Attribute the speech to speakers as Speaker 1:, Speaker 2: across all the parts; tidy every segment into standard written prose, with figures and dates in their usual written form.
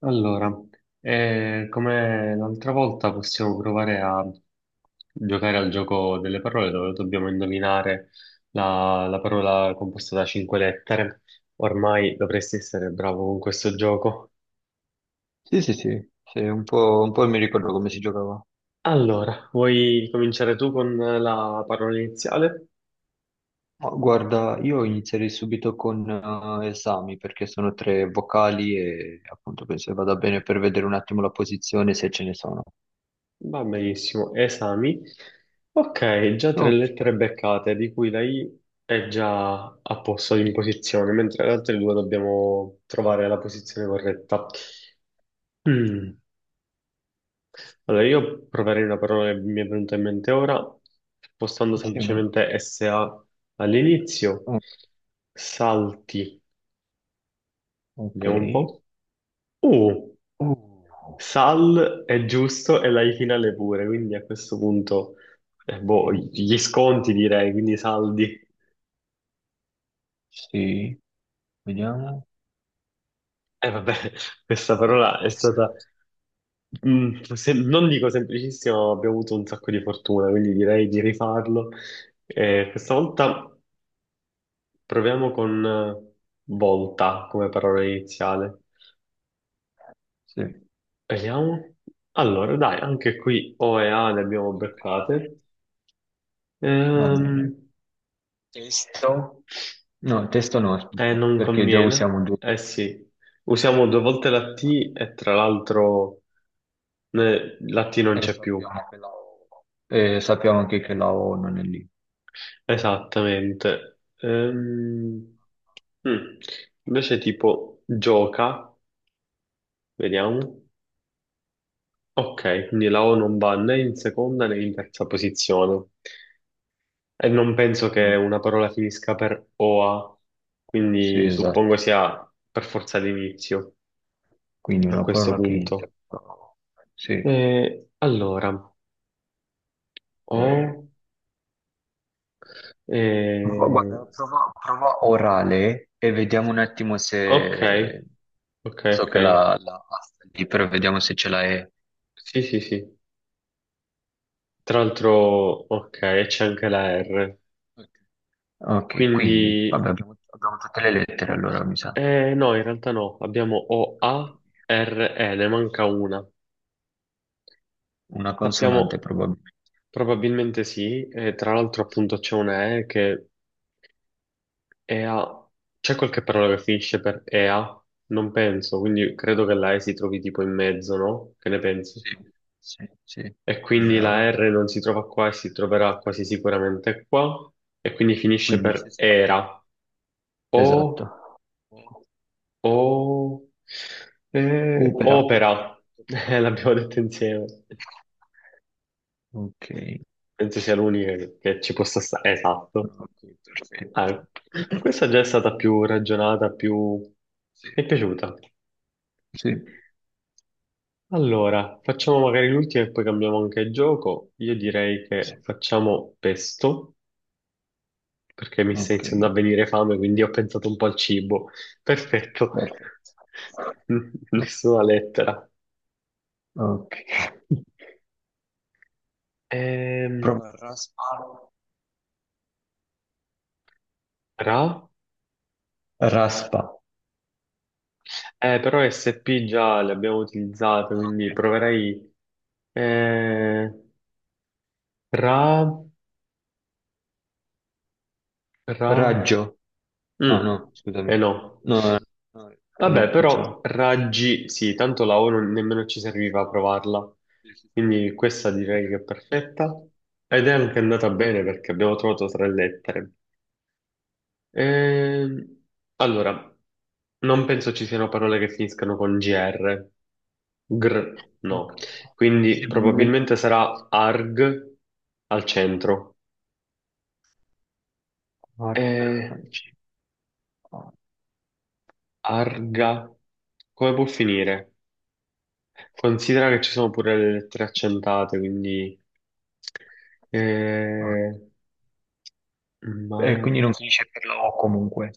Speaker 1: Allora, come l'altra volta possiamo provare a giocare al gioco delle parole dove dobbiamo indovinare la parola composta da cinque lettere. Ormai dovresti essere bravo con questo gioco.
Speaker 2: Sì, sì, sì, sì, un po' mi ricordo come si giocava.
Speaker 1: Allora, vuoi cominciare tu con la parola iniziale?
Speaker 2: Ma guarda, io inizierei subito con esami, perché sono tre vocali e appunto penso che vada bene per vedere un attimo la posizione, se ce ne sono.
Speaker 1: Va benissimo, esami. Ok, già tre
Speaker 2: Ok,
Speaker 1: lettere beccate, di cui la I è già a posto in posizione, mentre le altre due dobbiamo trovare la posizione corretta. Mm. Allora, io proverei una parola che mi è venuta in mente ora, spostando
Speaker 2: sì,
Speaker 1: semplicemente SA all'inizio.
Speaker 2: o-
Speaker 1: Salti,
Speaker 2: ok.
Speaker 1: vediamo un po'. U.
Speaker 2: Uh,
Speaker 1: Sal è giusto e la Ifinale pure, quindi a questo punto, boh, gli sconti direi, quindi i saldi.
Speaker 2: sì, vediamo.
Speaker 1: E vabbè, questa
Speaker 2: No,
Speaker 1: parola è
Speaker 2: no, sì.
Speaker 1: stata, mm, se- non dico semplicissima, ma abbiamo avuto un sacco di fortuna, quindi direi di rifarlo. Questa volta proviamo con volta come parola iniziale.
Speaker 2: Sì,
Speaker 1: Vediamo. Allora, dai, anche qui O e A le abbiamo beccate.
Speaker 2: va bene.
Speaker 1: Ehm,
Speaker 2: Testo? No, testo no, aspetta,
Speaker 1: Non
Speaker 2: perché già
Speaker 1: conviene.
Speaker 2: usiamo due
Speaker 1: Eh sì, usiamo due volte la T e tra l'altro la T non
Speaker 2: e
Speaker 1: c'è più.
Speaker 2: sappiamo che la O. E sappiamo anche che la O non è lì.
Speaker 1: Esattamente. Mm. Invece tipo gioca, vediamo. Ok, quindi la O non va né in seconda né in terza posizione. E non penso che
Speaker 2: Mm.
Speaker 1: una parola finisca per OA,
Speaker 2: Sì,
Speaker 1: quindi suppongo
Speaker 2: esatto.
Speaker 1: sia per forza l'inizio
Speaker 2: Quindi
Speaker 1: a
Speaker 2: una
Speaker 1: questo
Speaker 2: parola che inizia.
Speaker 1: punto.
Speaker 2: Sì.
Speaker 1: Allora, O... Eh,
Speaker 2: Guarda, prova orale e vediamo un attimo
Speaker 1: ok,
Speaker 2: se...
Speaker 1: ok,
Speaker 2: So
Speaker 1: ok.
Speaker 2: che la lì, però vediamo se ce la è.
Speaker 1: Sì, sì, sì. Tra l'altro, ok, c'è anche la R.
Speaker 2: Ok. Ok, quindi,
Speaker 1: Quindi,
Speaker 2: vabbè, abbiamo tutte le lettere allora, mi sa.
Speaker 1: no, in realtà no. Abbiamo O, A, R, E, ne manca una.
Speaker 2: Una consonante
Speaker 1: Sappiamo,
Speaker 2: probabilmente.
Speaker 1: probabilmente sì. E tra l'altro, appunto, c'è una E che è A. C'è qualche parola che finisce per EA? Non penso, quindi credo che la E si trovi tipo in mezzo, no? Che ne pensi?
Speaker 2: Sì, sì, sì.
Speaker 1: E quindi
Speaker 2: Ra.
Speaker 1: la R non si trova qua e si troverà quasi sicuramente qua e quindi finisce
Speaker 2: Quindi ci
Speaker 1: per
Speaker 2: sarà una.
Speaker 1: era
Speaker 2: Esatto.
Speaker 1: o
Speaker 2: O-
Speaker 1: o
Speaker 2: Opera. Opera. Opera.
Speaker 1: opera. L'abbiamo detto insieme.
Speaker 2: Ok,
Speaker 1: Penso sia l'unica che ci possa stare. Esatto.
Speaker 2: ok, perfetto.
Speaker 1: Ah, questa già è stata più ragionata, più mi
Speaker 2: Sì,
Speaker 1: è piaciuta.
Speaker 2: sì,
Speaker 1: Allora, facciamo magari l'ultima e poi cambiamo anche il gioco. Io direi
Speaker 2: sì.
Speaker 1: che facciamo pesto, perché mi sta
Speaker 2: Ok,
Speaker 1: iniziando a venire fame, quindi ho pensato un po' al cibo. Perfetto.
Speaker 2: perfetto.
Speaker 1: Nessuna lettera.
Speaker 2: Ok.
Speaker 1: Ehm,
Speaker 2: Prova raspa.
Speaker 1: Ra?
Speaker 2: Raspa.
Speaker 1: Però SP già le abbiamo utilizzate,
Speaker 2: Ah,
Speaker 1: quindi
Speaker 2: ok.
Speaker 1: proverei... eh, Ra? Ra?
Speaker 2: Raggio. Ah no,
Speaker 1: Mm, Eh
Speaker 2: scusami.
Speaker 1: no.
Speaker 2: No, no, no, no,
Speaker 1: Vabbè,
Speaker 2: non funziona.
Speaker 1: però raggi, sì, tanto la O non- nemmeno ci
Speaker 2: Sì,
Speaker 1: serviva a provarla,
Speaker 2: sì, sì,
Speaker 1: quindi questa direi che è perfetta
Speaker 2: sì.
Speaker 1: ed è anche andata bene perché abbiamo trovato tre lettere. Ehm, allora, non penso ci siano parole che finiscano con gr, gr, no.
Speaker 2: Ok. Sì,
Speaker 1: Quindi
Speaker 2: ma nemmeno
Speaker 1: probabilmente sarà arg al centro. Eh,
Speaker 2: arcalci. Ah.
Speaker 1: Arga, come può finire? Considera che ci sono pure le lettere accentate, quindi...
Speaker 2: Ah.
Speaker 1: Eh, ma...
Speaker 2: E quindi non finisce per la O comunque.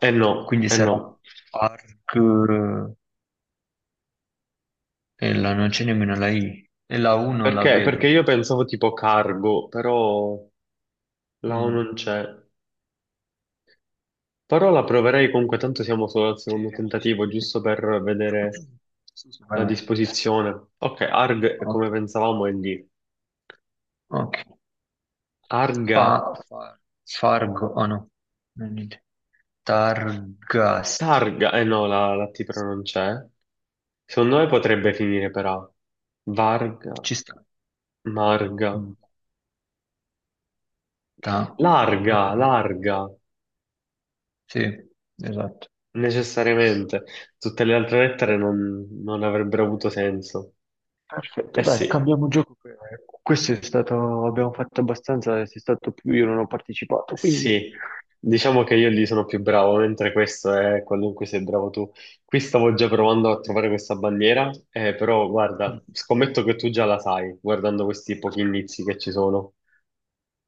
Speaker 1: Eh no,
Speaker 2: Quindi
Speaker 1: eh
Speaker 2: sarà
Speaker 1: no.
Speaker 2: ARC, e la, non c'è nemmeno la I e la U non la
Speaker 1: Perché? Perché
Speaker 2: vedo.
Speaker 1: io pensavo tipo cargo, però la O
Speaker 2: Mm.
Speaker 1: non c'è. Però la proverei comunque, tanto siamo solo al
Speaker 2: Sì,
Speaker 1: secondo
Speaker 2: sì, sì,
Speaker 1: tentativo,
Speaker 2: sì.
Speaker 1: giusto per
Speaker 2: Sì,
Speaker 1: vedere
Speaker 2: sì, sì, vai,
Speaker 1: la
Speaker 2: vai.
Speaker 1: disposizione. Ok, Arg, come
Speaker 2: Ok,
Speaker 1: pensavamo, è lì.
Speaker 2: ok.
Speaker 1: Arga,
Speaker 2: Fargo, oh no, non niente. Targas,
Speaker 1: Targa, eh no, la T però
Speaker 2: sì,
Speaker 1: non c'è. Secondo me potrebbe finire per A. Varga,
Speaker 2: ci sta.
Speaker 1: Marga.
Speaker 2: Mm. Ta- ah,
Speaker 1: Larga,
Speaker 2: no.
Speaker 1: larga,
Speaker 2: Sì, esatto.
Speaker 1: necessariamente. Tutte le altre lettere non avrebbero avuto senso.
Speaker 2: Perfetto,
Speaker 1: Eh
Speaker 2: dai,
Speaker 1: sì,
Speaker 2: cambiamo gioco. Che questo è stato, abbiamo fatto abbastanza, sei stato più, io non ho partecipato, quindi...
Speaker 1: sì, diciamo che io lì sono più bravo, mentre questo è quello in cui sei bravo tu. Qui stavo già provando a trovare questa bandiera, però
Speaker 2: Mm.
Speaker 1: guarda, scommetto che tu già la sai, guardando questi pochi
Speaker 2: Aspetta.
Speaker 1: indizi che ci sono.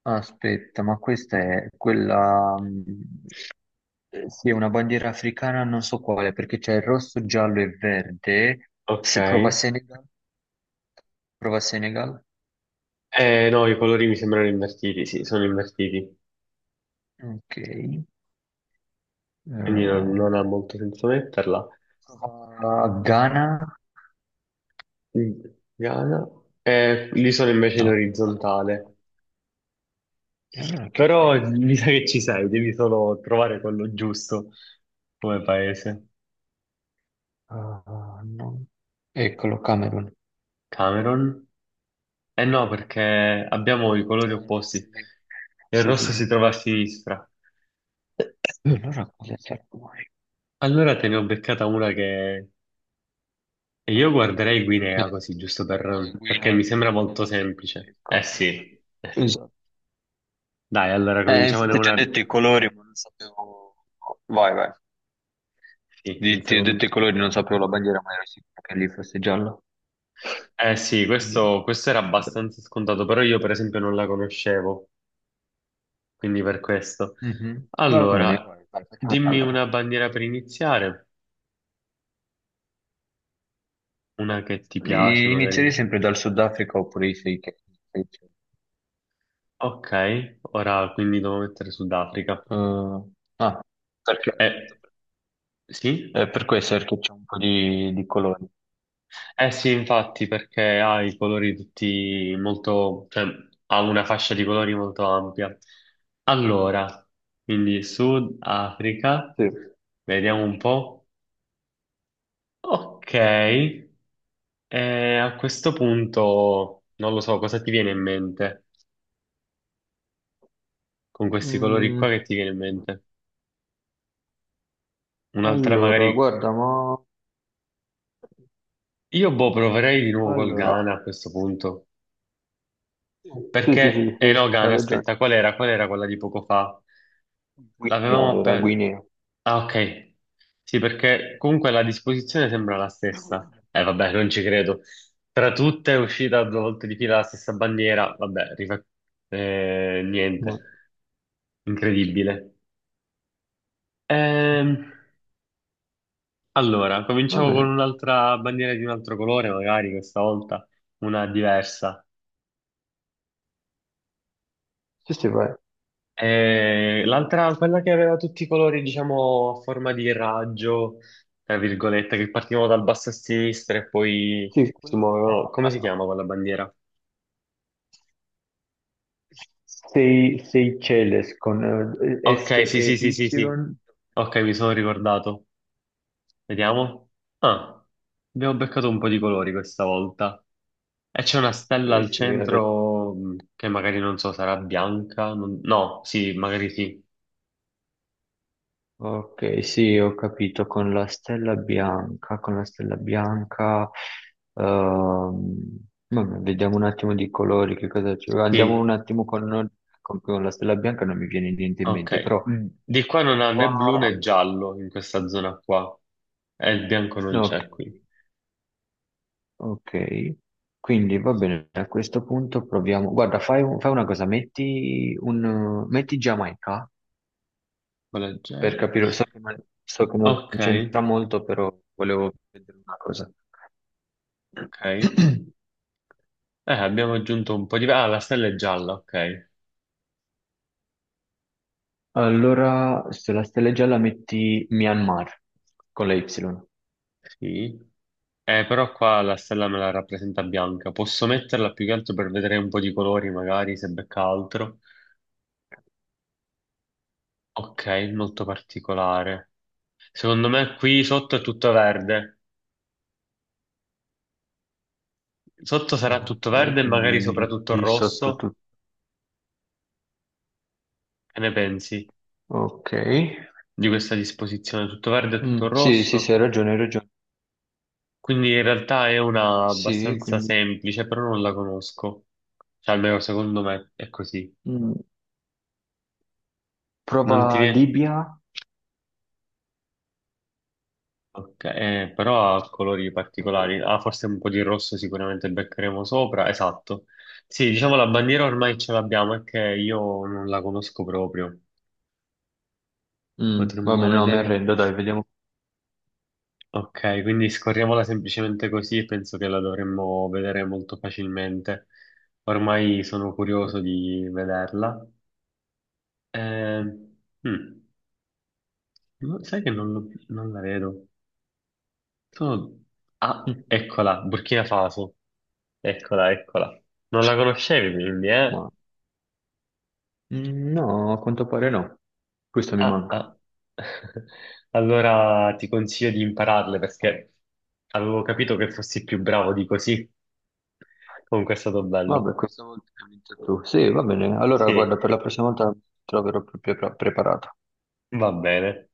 Speaker 2: Aspetta, ma questa è quella... sì, è una bandiera africana, non so quale, perché c'è il rosso, giallo e verde.
Speaker 1: Ok.
Speaker 2: Se prova Senegal, prova Senegal.
Speaker 1: No, i colori mi sembrano invertiti, sì, sono invertiti,
Speaker 2: Ok.
Speaker 1: quindi non ha
Speaker 2: Prova
Speaker 1: molto senso metterla.
Speaker 2: Ghana.
Speaker 1: Ghana. Lì sono invece in
Speaker 2: No, no, al contrario.
Speaker 1: orizzontale,
Speaker 2: E allora che
Speaker 1: però
Speaker 2: paese?
Speaker 1: mi sa che ci sei, devi solo trovare quello giusto come paese.
Speaker 2: Ah, no. Eccolo, Camerun.
Speaker 1: Cameron? Eh no, perché abbiamo i
Speaker 2: Ah,
Speaker 1: colori
Speaker 2: ah, forse
Speaker 1: opposti.
Speaker 2: lì.
Speaker 1: Il
Speaker 2: Sì, sì,
Speaker 1: rosso si
Speaker 2: sì.
Speaker 1: trova a sinistra.
Speaker 2: Allora cosa c'è poi?
Speaker 1: Allora te ne ho beccata una che... E io guarderei Guinea
Speaker 2: Eh,
Speaker 1: così, giusto per... perché mi
Speaker 2: Guinea,
Speaker 1: sembra molto
Speaker 2: sì,
Speaker 1: semplice. Eh
Speaker 2: ecco.
Speaker 1: sì,
Speaker 2: No, te-
Speaker 1: eh sì.
Speaker 2: esatto.
Speaker 1: Dai, allora cominciamone
Speaker 2: Infatti ti ho
Speaker 1: una...
Speaker 2: detto i colori, ma non sapevo... Vai, vai.
Speaker 1: Sì, un
Speaker 2: Ti ho detto
Speaker 1: secondo.
Speaker 2: i colori, non sapevo la bandiera, ma ero sicuro che lì fosse giallo.
Speaker 1: Eh sì,
Speaker 2: Quindi...
Speaker 1: questo era
Speaker 2: beh.
Speaker 1: abbastanza scontato, però io per esempio non la conoscevo, quindi per questo.
Speaker 2: Mhm. Va bene,
Speaker 1: Allora,
Speaker 2: vai, vai, facciamo
Speaker 1: dimmi
Speaker 2: un'altra.
Speaker 1: una bandiera per iniziare, una che ti piace
Speaker 2: Inizierei
Speaker 1: magari.
Speaker 2: sempre dal Sudafrica oppure i sei che...
Speaker 1: Ok, ora quindi devo mettere Sudafrica.
Speaker 2: Eh, ah, perché appunto
Speaker 1: Eh, sì?
Speaker 2: per questo, perché c'è un po' di colori.
Speaker 1: Eh sì, infatti, perché ha i colori tutti molto, cioè ha una fascia di colori molto ampia. Allora, quindi Sudafrica,
Speaker 2: Sì.
Speaker 1: vediamo un po'. Ok, a questo punto non lo so cosa ti viene in mente con questi colori
Speaker 2: Mm,
Speaker 1: qua che ti viene in mente. Un'altra
Speaker 2: allora,
Speaker 1: magari,
Speaker 2: guarda, ma...
Speaker 1: io boh, proverei di nuovo col
Speaker 2: Allora,
Speaker 1: Ghana a questo punto.
Speaker 2: sì, sì, sì,
Speaker 1: Perché
Speaker 2: sì, sì,
Speaker 1: eh no,
Speaker 2: hai
Speaker 1: Gane,
Speaker 2: ragione.
Speaker 1: aspetta, qual era? Qual era quella di poco fa?
Speaker 2: Guinea
Speaker 1: L'avevamo
Speaker 2: era
Speaker 1: appena...
Speaker 2: Guinea.
Speaker 1: Ah, ok. Sì, perché comunque la disposizione sembra la stessa. Vabbè, non ci credo. Tra tutte è uscita due volte di fila la stessa bandiera.
Speaker 2: Ma-
Speaker 1: Niente. Incredibile. Ehm, allora,
Speaker 2: va
Speaker 1: cominciamo con
Speaker 2: bene,
Speaker 1: un'altra bandiera di un altro colore, magari questa volta una diversa.
Speaker 2: sì, sì, vai.
Speaker 1: L'altra, quella che aveva tutti i colori, diciamo, a forma di raggio, tra virgolette, che partivano dal basso a sinistra e poi
Speaker 2: Sì,
Speaker 1: si
Speaker 2: quella
Speaker 1: muovevano.
Speaker 2: era...
Speaker 1: Come si chiama quella bandiera?
Speaker 2: Sei, sei Celes con
Speaker 1: Ok, sì, sì, sì, sì, sì.
Speaker 2: S-E-Y.
Speaker 1: Ok, mi sono ricordato. Vediamo. Ah, abbiamo beccato un po' di colori questa volta. E c'è una stella
Speaker 2: Ok,
Speaker 1: al
Speaker 2: sì, hai ragione.
Speaker 1: centro che magari non so, sarà bianca? No, sì, magari sì.
Speaker 2: Ok, sì, ho capito, con la stella bianca, con la stella bianca, ehm, vabbè, vediamo un attimo di colori, che cosa ci... Andiamo un
Speaker 1: Sì.
Speaker 2: attimo con, con la stella bianca, non mi viene niente in mente,
Speaker 1: Ok,
Speaker 2: però...
Speaker 1: di qua non ha né blu
Speaker 2: qua-
Speaker 1: né giallo in questa zona qua. E il bianco non
Speaker 2: Ok,
Speaker 1: c'è qui.
Speaker 2: ok, quindi va bene, a questo punto proviamo... Guarda, fai una cosa, metti Giamaica,
Speaker 1: Quella
Speaker 2: per
Speaker 1: J.
Speaker 2: capire, so che, so che non
Speaker 1: Ok,
Speaker 2: c'entra molto, però volevo vedere una cosa.
Speaker 1: ok. Abbiamo aggiunto un po' di... Ah, la stella è gialla, ok.
Speaker 2: Allora, sulla stella gialla metti Myanmar con la Y.
Speaker 1: Sì. Però qua la stella me la rappresenta bianca. Posso metterla più che altro per vedere un po' di colori, magari, se becca altro. Ok, molto particolare. Secondo me qui sotto è tutto verde. Sotto sarà tutto
Speaker 2: Ok,
Speaker 1: verde e magari
Speaker 2: quindi
Speaker 1: soprattutto
Speaker 2: lì sotto
Speaker 1: rosso.
Speaker 2: tutto.
Speaker 1: Che ne pensi?
Speaker 2: Ok.
Speaker 1: Di questa disposizione, tutto verde e tutto
Speaker 2: Mm, sì, sì, sì,
Speaker 1: rosso,
Speaker 2: hai ragione, hai ragione.
Speaker 1: quindi in realtà è una
Speaker 2: Sì,
Speaker 1: abbastanza
Speaker 2: quindi
Speaker 1: semplice, però non la conosco, cioè almeno secondo me è così.
Speaker 2: mm,
Speaker 1: Non ti
Speaker 2: prova
Speaker 1: viene...
Speaker 2: Libia.
Speaker 1: Ok, però ha colori
Speaker 2: Vabbè.
Speaker 1: particolari, ah forse un po' di rosso sicuramente beccheremo sopra, esatto. Sì, diciamo la bandiera ormai ce l'abbiamo, è che io non la conosco proprio,
Speaker 2: Mm,
Speaker 1: potremmo
Speaker 2: vabbè, no, mi
Speaker 1: vedere...
Speaker 2: arrendo, dai, vediamo.
Speaker 1: Ok, quindi scorriamola semplicemente così e penso che la dovremmo vedere molto facilmente. Ormai sono curioso di vederla. Eh, mm, no, sai che non la vedo. Sono- Ah,
Speaker 2: Mm,
Speaker 1: eccola, Burkina Faso. Eccola, eccola. Non la conoscevi quindi, eh?
Speaker 2: ma- no, a quanto pare no. Questo mi
Speaker 1: Ah,
Speaker 2: manca.
Speaker 1: ah. Allora ti consiglio di impararle perché avevo capito che fossi più bravo di così. Comunque è stato bello.
Speaker 2: Vabbè, questo tu. Sì, va bene. Allora, guarda,
Speaker 1: Sì,
Speaker 2: per la prossima volta troverò più preparato.
Speaker 1: va bene.